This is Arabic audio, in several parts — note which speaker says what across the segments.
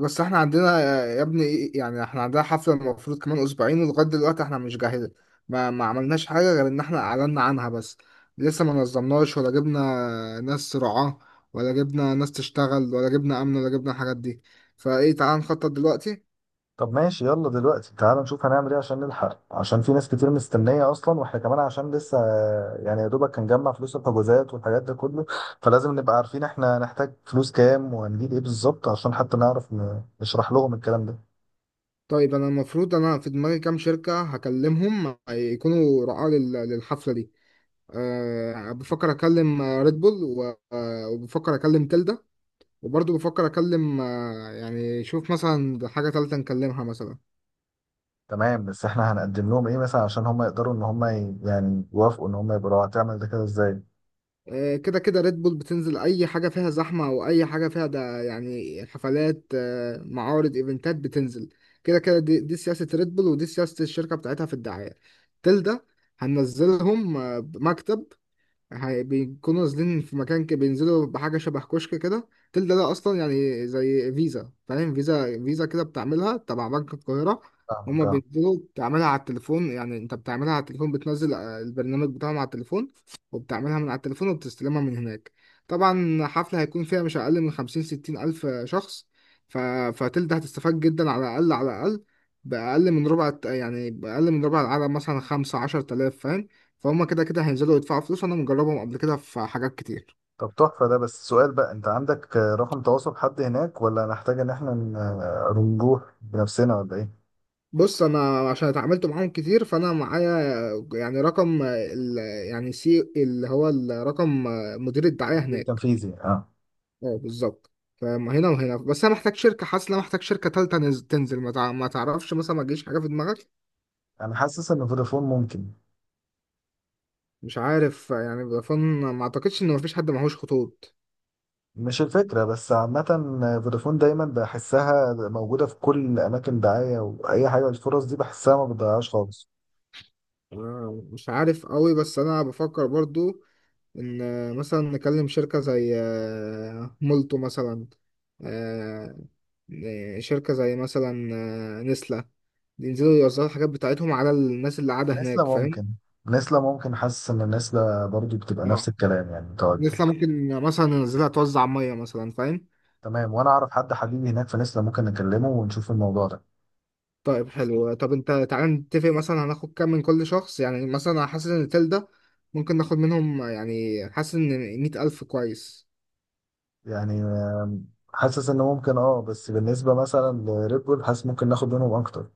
Speaker 1: بس احنا عندنا يا ابني، يعني احنا عندنا حفلة المفروض كمان اسبوعين، ولغاية دلوقتي احنا مش جاهزين. ما عملناش حاجة غير ان احنا اعلنا عنها بس. لسه ما نظمناش ولا جبنا ناس رعاة، ولا جبنا ناس تشتغل، ولا جبنا امن، ولا جبنا الحاجات دي. فايه، تعال نخطط دلوقتي.
Speaker 2: طب ماشي، يلا دلوقتي تعال نشوف هنعمل ايه عشان نلحق، عشان في ناس كتير مستنية اصلا، واحنا كمان عشان لسه يعني يا دوبك هنجمع فلوس الحجوزات والحاجات ده كله. فلازم نبقى عارفين احنا نحتاج فلوس كام وهنجيب ايه بالظبط، عشان حتى نعرف نشرح لهم الكلام ده.
Speaker 1: طيب انا المفروض، انا في دماغي كام شركة هكلمهم يكونوا رعاة للحفلة دي. بفكر اكلم ريد بول، وبفكر اكلم تلدا، وبرضه بفكر اكلم، يعني شوف مثلا حاجة تالتة نكلمها مثلا.
Speaker 2: تمام، بس احنا هنقدم لهم ايه مثلا عشان هم يقدروا ان هم يعني يوافقوا، ان هم يبقوا هتعمل ده كده ازاي؟
Speaker 1: كده كده ريد بول بتنزل اي حاجة فيها زحمة او اي حاجة فيها ده، يعني حفلات، معارض، ايفنتات بتنزل. كده كده دي سياسة ريد بول، ودي سياسة الشركة بتاعتها في الدعاية. تل ده هننزلهم بمكتب. بيكونوا نازلين في مكان كده، بينزلوا بحاجة شبه كشك كده. تل ده أصلا يعني زي فيزا، فاهم؟ فيزا فيزا كده بتعملها تبع بنك القاهرة.
Speaker 2: فاهمك،
Speaker 1: هما
Speaker 2: اه.
Speaker 1: بينزلوا بتعملها على التليفون، يعني أنت بتعملها على التليفون، بتنزل البرنامج بتاعهم على التليفون، وبتعملها من على التليفون، وبتستلمها من هناك. طبعا حفلة هيكون فيها مش أقل من خمسين ستين ألف شخص. ف... فتل ده هتستفاد جدا، على الأقل على الأقل، بأقل من ربع يعني بأقل من ربع العدد، مثلا خمسة عشر تلاف. فهم كده كده هينزلوا يدفعوا فلوس. انا مجربهم قبل كده في حاجات كتير.
Speaker 2: طب تحفة، ده بس سؤال بقى، انت عندك رقم تواصل حد هناك، ولا نحتاج ان احنا نروح بنفسنا ولا ايه؟
Speaker 1: بص، انا عشان اتعاملت معاهم كتير فانا معايا، يعني رقم ال، يعني سي اللي هو الرقم، مدير الدعاية
Speaker 2: مدير
Speaker 1: هناك.
Speaker 2: تنفيذي، اه.
Speaker 1: اه بالظبط. فما هنا وهنا، بس انا محتاج شركة. حاسس ان انا محتاج شركة تالتة تنزل. ما تعرفش مثلا، ما تجيش حاجة في دماغك؟
Speaker 2: انا حاسس ان فودافون ممكن.
Speaker 1: مش عارف يعني بفن، ما اعتقدش ان مفيش حد معهوش خطوط.
Speaker 2: مش الفكره، بس عامه فودافون دايما بحسها موجوده في كل اماكن دعايه، واي حاجه الفرص دي بحسها ما بتضيعهاش خالص.
Speaker 1: مش عارف قوي، بس انا بفكر برضو ان مثلا نكلم شركة زي مولتو مثلا. آه، شركة زي مثلا نسلة. ينزلوا يوزعوا الحاجات بتاعتهم على الناس اللي قاعدة هناك،
Speaker 2: نسلة
Speaker 1: فاهم؟
Speaker 2: ممكن. نسلة ممكن، حاسس ان نسلة برضو بتبقى نفس
Speaker 1: اه،
Speaker 2: الكلام يعني متواجده.
Speaker 1: نسلة ممكن مثلا ننزلها توزع مية مثلا، فاهم؟
Speaker 2: تمام، وانا اعرف حد حبيبي هناك في نسلة، ممكن نكلمه ونشوف الموضوع ده.
Speaker 1: طيب حلو. طب انت تعالى نتفق مثلا هناخد كام من كل شخص. يعني مثلا أنا حاسس ان التل ده ممكن ناخد منهم، يعني حاسس ان مية ألف كويس.
Speaker 2: يعني حاسس ان ممكن، اه. بس بالنسبه مثلا لريد بول، حاسس ممكن ناخد منهم اكتر.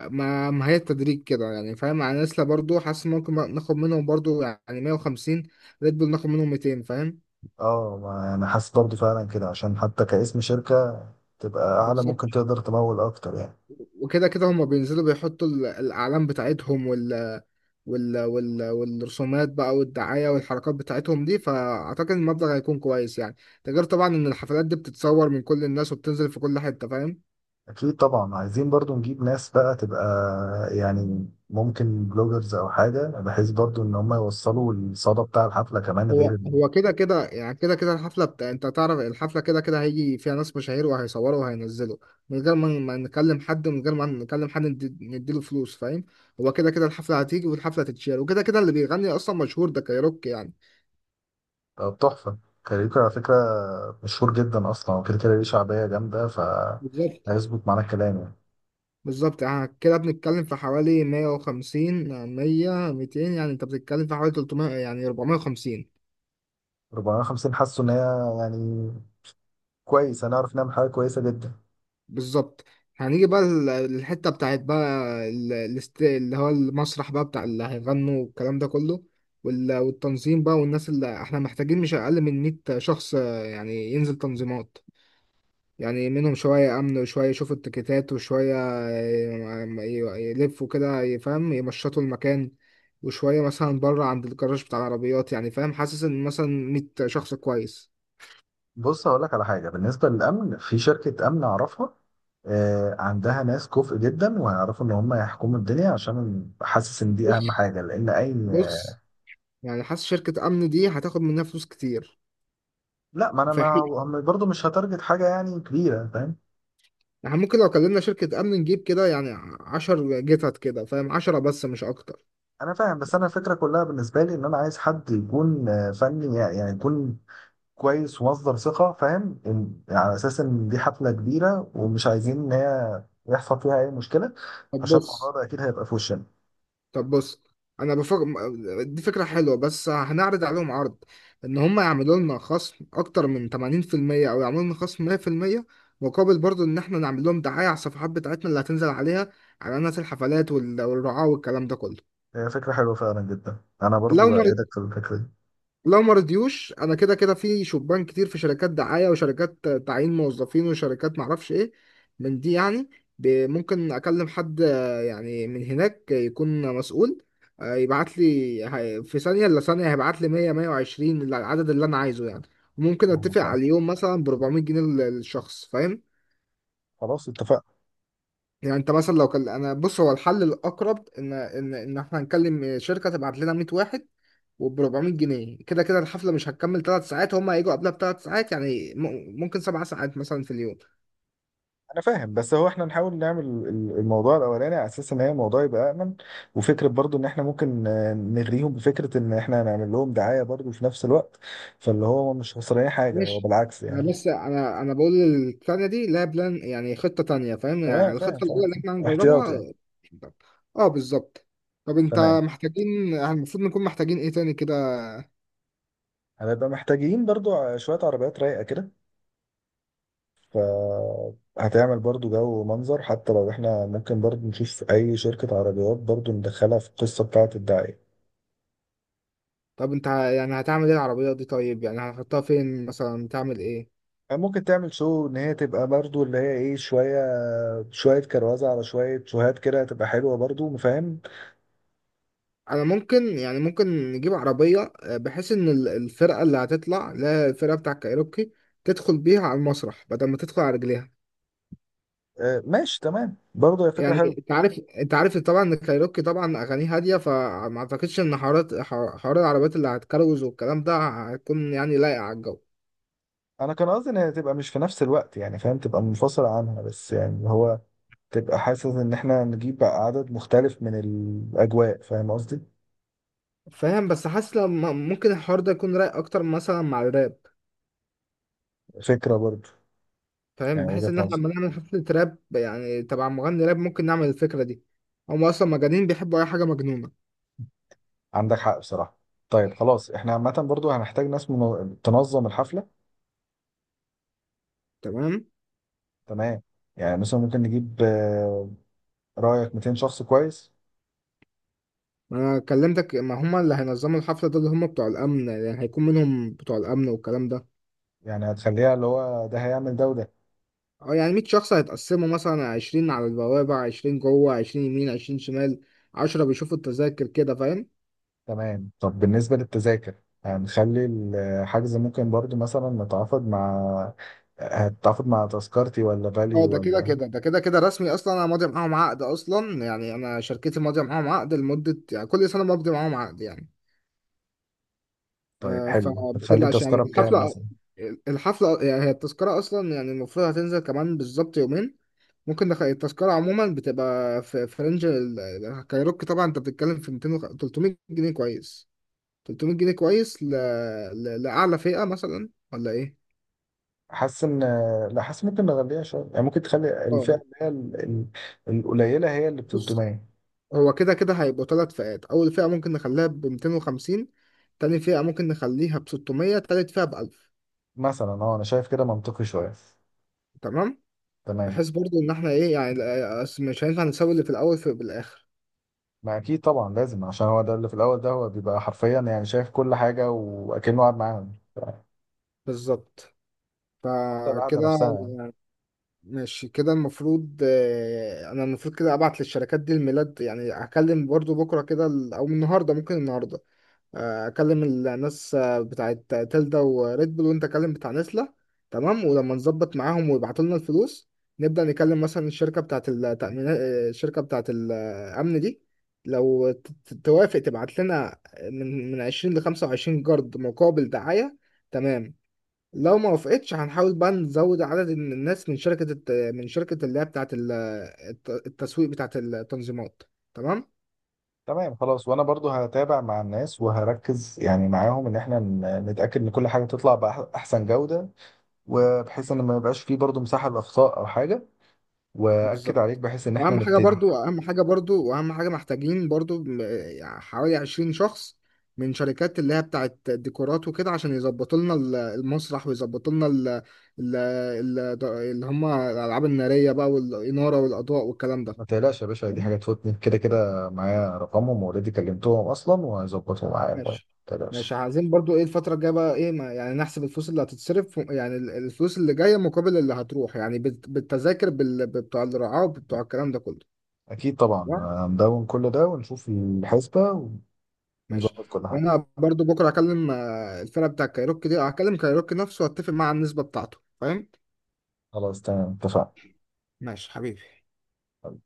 Speaker 1: ما هي التدريج كده يعني، فاهم؟ يعني نسلا برضو حاسس ممكن ناخد منهم برضو يعني 150، ريد بول ناخد منهم 200، فاهم؟
Speaker 2: اه، انا حاسس برضو فعلا كده، عشان حتى كاسم شركه تبقى اعلى
Speaker 1: بالظبط.
Speaker 2: ممكن تقدر تمول اكتر يعني.
Speaker 1: وكده كده هما بينزلوا بيحطوا الاعلام بتاعتهم، وال والرسومات بقى، والدعايه، والحركات بتاعتهم دي. فاعتقد المبلغ هيكون كويس يعني. ده غير طبعا ان الحفلات دي بتتصور من كل الناس وبتنزل في كل حته، فاهم؟
Speaker 2: اكيد طبعا، عايزين برضو نجيب ناس بقى تبقى يعني ممكن بلوجرز او حاجه، بحيث برضو ان هم يوصلوا الصدى بتاع الحفله كمان غير
Speaker 1: هو هو كده كده يعني، كده كده الحفلة بتاع، انت تعرف الحفلة كده كده هيجي فيها ناس مشاهير وهيصوروا وهينزلوا، من غير ما نكلم حد، من غير ما نكلم حد نديله فلوس، فاهم؟ هو كده كده الحفلة هتيجي والحفلة هتتشير، وكده كده اللي بيغني اصلا مشهور ده، كايروكي يعني.
Speaker 2: التحفه. كاريوكا على فكره، مشهور جدا اصلا وكده كده ليه شعبيه جامده،
Speaker 1: بالظبط.
Speaker 2: فهيظبط معانا الكلام يعني.
Speaker 1: بالظبط، يعني كده بنتكلم في حوالي 150، 100، 200، يعني انت بتتكلم في حوالي 300، يعني 450.
Speaker 2: 450 حاسه ان هي يعني كويس، هنعرف نعمل حاجه كويسه جدا.
Speaker 1: بالظبط. هنيجي بقى للحتة بتاعت بقى، اللي هو المسرح بقى بتاع اللي هيغنوا والكلام ده كله، والتنظيم بقى. والناس اللي احنا محتاجين مش أقل من 100 شخص، يعني ينزل تنظيمات، يعني منهم شوية أمن، وشوية يشوفوا التيكيتات، وشوية يلفوا كده يفهم، يمشطوا المكان، وشوية مثلا بره عند الجراج بتاع العربيات، يعني فاهم؟ حاسس إن مثلا 100 شخص كويس.
Speaker 2: بص، هقول لك على حاجه بالنسبه للامن، في شركه امن اعرفها، عندها ناس كفء جدا وهيعرفوا ان هم يحكموا الدنيا، عشان حاسس ان دي اهم
Speaker 1: بص،
Speaker 2: حاجه، لان اي.
Speaker 1: بص. يعني حاسس شركة أمن دي هتاخد منها فلوس كتير.
Speaker 2: لا، ما انا
Speaker 1: في
Speaker 2: ما
Speaker 1: حين
Speaker 2: هو برضه مش هتارجت حاجه يعني كبيره، فاهم.
Speaker 1: احنا ممكن لو كلمنا شركة أمن نجيب كده يعني عشر جتت كده، فاهم؟ عشرة بس مش أكتر.
Speaker 2: انا فاهم، بس انا الفكره كلها بالنسبه لي ان انا عايز حد يكون فني يعني، يكون كويس ومصدر ثقه، فاهم؟ على اساس ان دي حفله كبيره ومش عايزين ان هي يحصل فيها اي مشكله،
Speaker 1: طب
Speaker 2: عشان الموضوع
Speaker 1: بص.
Speaker 2: ده اكيد هيبقى في وشنا.
Speaker 1: طب بص. أنا بفكر، دي فكرة حلوة، بس هنعرض عليهم عرض إن هم يعملوا لنا خصم أكتر من تمانين في المية، أو يعملوا لنا خصم مية في المية، مقابل برضو إن احنا نعمل لهم دعاية على الصفحات بتاعتنا اللي هتنزل عليها، على الناس، الحفلات، والرعاة والكلام ده كله.
Speaker 2: هي فكره حلوه فعلا جدا، انا برضو
Speaker 1: لو ما
Speaker 2: بايدك في الفكره دي.
Speaker 1: لو ما رضيوش انا كده كده في شبان كتير في شركات دعايه، وشركات تعيين موظفين، وشركات معرفش ايه من دي يعني. ممكن اكلم حد يعني من هناك يكون مسؤول، يبعت لي، في ثانيه الا ثانيه هيبعت لي 100، 120، العدد اللي انا عايزه يعني. وممكن
Speaker 2: فاهمك،
Speaker 1: اتفق
Speaker 2: فاهم.
Speaker 1: على اليوم مثلا ب 400 جنيه للشخص، فاهم؟
Speaker 2: خلاص اتفقنا.
Speaker 1: يعني انت مثلا لو كان انا، بص هو الحل الاقرب ان احنا نكلم شركه تبعت لنا 100 واحد وب 400 جنيه. كده كده الحفلة مش هتكمل ثلاث ساعات، هم هيجوا قبلها بثلاث ساعات، يعني ممكن سبع ساعات مثلا في اليوم.
Speaker 2: انا فاهم، بس هو احنا نحاول نعمل الموضوع الاولاني على اساس ان هي الموضوع يبقى امن، وفكره برضو ان احنا ممكن نغريهم بفكره ان احنا هنعمل لهم دعايه برضو في نفس الوقت، فاللي هو مش خسرانين حاجه، هو
Speaker 1: ماشي،
Speaker 2: بالعكس
Speaker 1: انا
Speaker 2: يعني.
Speaker 1: بس انا بقول الثانية دي لها بلان، يعني خطة تانية، فاهم؟ يعني
Speaker 2: تمام فاهم
Speaker 1: الخطة الأولى
Speaker 2: فاهم،
Speaker 1: اللي احنا هنجربها.
Speaker 2: احتياط يعني.
Speaker 1: اه بالظبط. طب انت
Speaker 2: تمام،
Speaker 1: محتاجين، يعني المفروض نكون محتاجين ايه تاني كده؟
Speaker 2: هنبقى محتاجين برضو شويه عربيات رايقه كده. ف هتعمل برضو جو ومنظر، حتى لو احنا ممكن برضو نشوف اي شركه عربيات برضو ندخلها في القصه بتاعه الدعايه.
Speaker 1: طب انت يعني هتعمل ايه العربية دي؟ طيب يعني هتحطها فين مثلا، تعمل ايه؟
Speaker 2: ممكن تعمل شو ان هي تبقى برضو اللي هي ايه، شويه شويه كروزه على شويه شوهات كده، تبقى حلوه برضو، فاهم؟
Speaker 1: انا ممكن، يعني ممكن نجيب عربيه بحيث ان الفرقه اللي هتطلع، اللي هي الفرقه بتاع الكايروكي، تدخل بيها على المسرح بدل ما تدخل على رجليها.
Speaker 2: آه ماشي، تمام برضو هي فكره
Speaker 1: يعني
Speaker 2: حلوه.
Speaker 1: انت عارف، انت عارف طبعا ان الكايروكي طبعا اغانيه هاديه، فما اعتقدش ان حوارات حوار العربيات اللي هتكروز والكلام ده هيكون يعني لايق على الجو.
Speaker 2: انا كان قصدي ان هي تبقى مش في نفس الوقت، يعني فاهم تبقى منفصله عنها، بس يعني اللي هو تبقى حاسس ان احنا نجيب بقى عدد مختلف من الاجواء، فاهم قصدي؟
Speaker 1: فاهم، بس حاسس لما ممكن الحوار ده يكون رايق اكتر مثلا مع الراب،
Speaker 2: فكره برضو.
Speaker 1: فاهم؟
Speaker 2: يعني
Speaker 1: بحيث
Speaker 2: وجهه
Speaker 1: ان احنا
Speaker 2: نظر.
Speaker 1: لما نعمل حفله راب يعني تبع مغني راب، ممكن نعمل الفكره دي. هم اصلا مجانين، بيحبوا اي حاجه مجنونه.
Speaker 2: عندك حق بصراحه. طيب خلاص، احنا عامه برضو هنحتاج ناس تنظم الحفله.
Speaker 1: تمام.
Speaker 2: تمام. يعني مثلا ممكن نجيب، رايك 200 شخص كويس؟
Speaker 1: انا كلمتك، ما هما اللي هينظموا الحفله ده اللي هما بتوع الامن، يعني هيكون منهم بتوع الامن والكلام ده.
Speaker 2: يعني هتخليها اللي هو ده هيعمل ده وده.
Speaker 1: اه، يعني 100 شخص هيتقسموا مثلا 20 على البوابه، 20 جوه، 20 يمين، 20 شمال، 10 بيشوفوا التذاكر كده، فاهم؟
Speaker 2: تمام. طب بالنسبة للتذاكر، هنخلي الحجز ممكن برضو مثلا نتعاقد مع، هتتعاقد مع تذكرتي ولا
Speaker 1: اه،
Speaker 2: فاليو
Speaker 1: ده كده
Speaker 2: ولا؟
Speaker 1: كده، ده كده كده رسمي اصلا. انا ماضي معاهم عقد اصلا، يعني انا شركتي ماضيه معاهم عقد لمده، يعني كل سنه بمضي معاهم عقد يعني.
Speaker 2: طيب
Speaker 1: آه
Speaker 2: حلو، هتخلي
Speaker 1: فبتقلقش يعني
Speaker 2: التذكرة بكام
Speaker 1: الحفله،
Speaker 2: مثلا؟
Speaker 1: الحفله، يعني هي التذكره اصلا يعني المفروض هتنزل كمان بالظبط يومين. التذكرة عموما بتبقى في رينج كايروكي، طبعا انت بتتكلم في 200 300 جنيه كويس. 300 جنيه كويس لأعلى فئة مثلا ولا ايه؟
Speaker 2: حاسس ان، لا حاسس ممكن نغليها شوية، يعني ممكن تخلي الفئة
Speaker 1: اه
Speaker 2: اللي هي القليلة هي اللي ب
Speaker 1: بص،
Speaker 2: 300
Speaker 1: هو كده كده هيبقوا ثلاث فئات. أول فئة ممكن نخليها ب 250، تاني فئة ممكن نخليها ب 600، تالت فئة ب 1000.
Speaker 2: مثلا. اه، انا شايف كده منطقي شوية.
Speaker 1: تمام؟
Speaker 2: تمام.
Speaker 1: بحيث برضو إن احنا ايه يعني، أصل مش هينفع نسوي اللي في الأول في بالآخر.
Speaker 2: ما اكيد طبعا لازم، عشان هو ده اللي في الاول ده هو بيبقى حرفيا يعني شايف كل حاجة واكنه قاعد معاهم،
Speaker 1: بالظبط.
Speaker 2: حتى القعدة
Speaker 1: فكده.
Speaker 2: نفسها.
Speaker 1: ماشي كده، المفروض انا المفروض كده ابعت للشركات دي الميلاد. يعني هكلم برضو بكره كده او النهارده، ممكن النهارده اكلم الناس بتاعت تلدا وريد بول، وانت كلم بتاع نسله. تمام. ولما نظبط معاهم ويبعتوا لنا الفلوس، نبدا نكلم مثلا الشركه بتاعت التامينات، الشركه بتاعت الامن دي. لو توافق تبعت لنا من 20 ل 25 جرد مقابل دعايه. تمام. لو ما وافقتش هنحاول بقى نزود عدد الناس من شركة من شركة اللي هي بتاعة التسويق بتاعة التنظيمات. تمام.
Speaker 2: تمام خلاص، وانا برضو هتابع مع الناس وهركز يعني معاهم ان احنا نتاكد ان كل حاجه تطلع باحسن جوده، وبحيث ان ما يبقاش فيه برضو مساحه لاخطاء او حاجه، واكد عليك
Speaker 1: بالظبط.
Speaker 2: بحيث ان احنا
Speaker 1: واهم حاجة
Speaker 2: نبتدي.
Speaker 1: برضو، اهم حاجة برضو، واهم حاجة محتاجين برضو يعني حوالي 20 شخص من شركات اللي هي بتاعة ديكورات وكده، عشان يظبطوا لنا المسرح، ويظبطوا لنا ال... اللي هم الألعاب النارية بقى، والإنارة، والأضواء، والكلام ده.
Speaker 2: ما تقلقش يا باشا، دي حاجه تفوتني، كده كده معايا رقمهم واوريدي كلمتهم اصلا وهيظبطوا معايا، ما
Speaker 1: ماشي.
Speaker 2: تقلقش.
Speaker 1: ماشي، عايزين برضو ايه الفترة الجاية بقى ايه، ما يعني نحسب الفلوس اللي هتتصرف، يعني الفلوس اللي جاية مقابل اللي هتروح، يعني بالتذاكر بتوع الرعاة وبتوع الكلام ده كله.
Speaker 2: اكيد طبعا
Speaker 1: تمام.
Speaker 2: هندون كل ده ونشوف الحسبه،
Speaker 1: ماشي.
Speaker 2: ونظبط كل حاجه.
Speaker 1: وانا برضو بكرة هكلم الفرقة بتاع كايروكي دي، هكلم كايروكي نفسه واتفق معاه على النسبة بتاعته، فاهم؟
Speaker 2: خلاص تمام اتفقنا.
Speaker 1: ماشي حبيبي.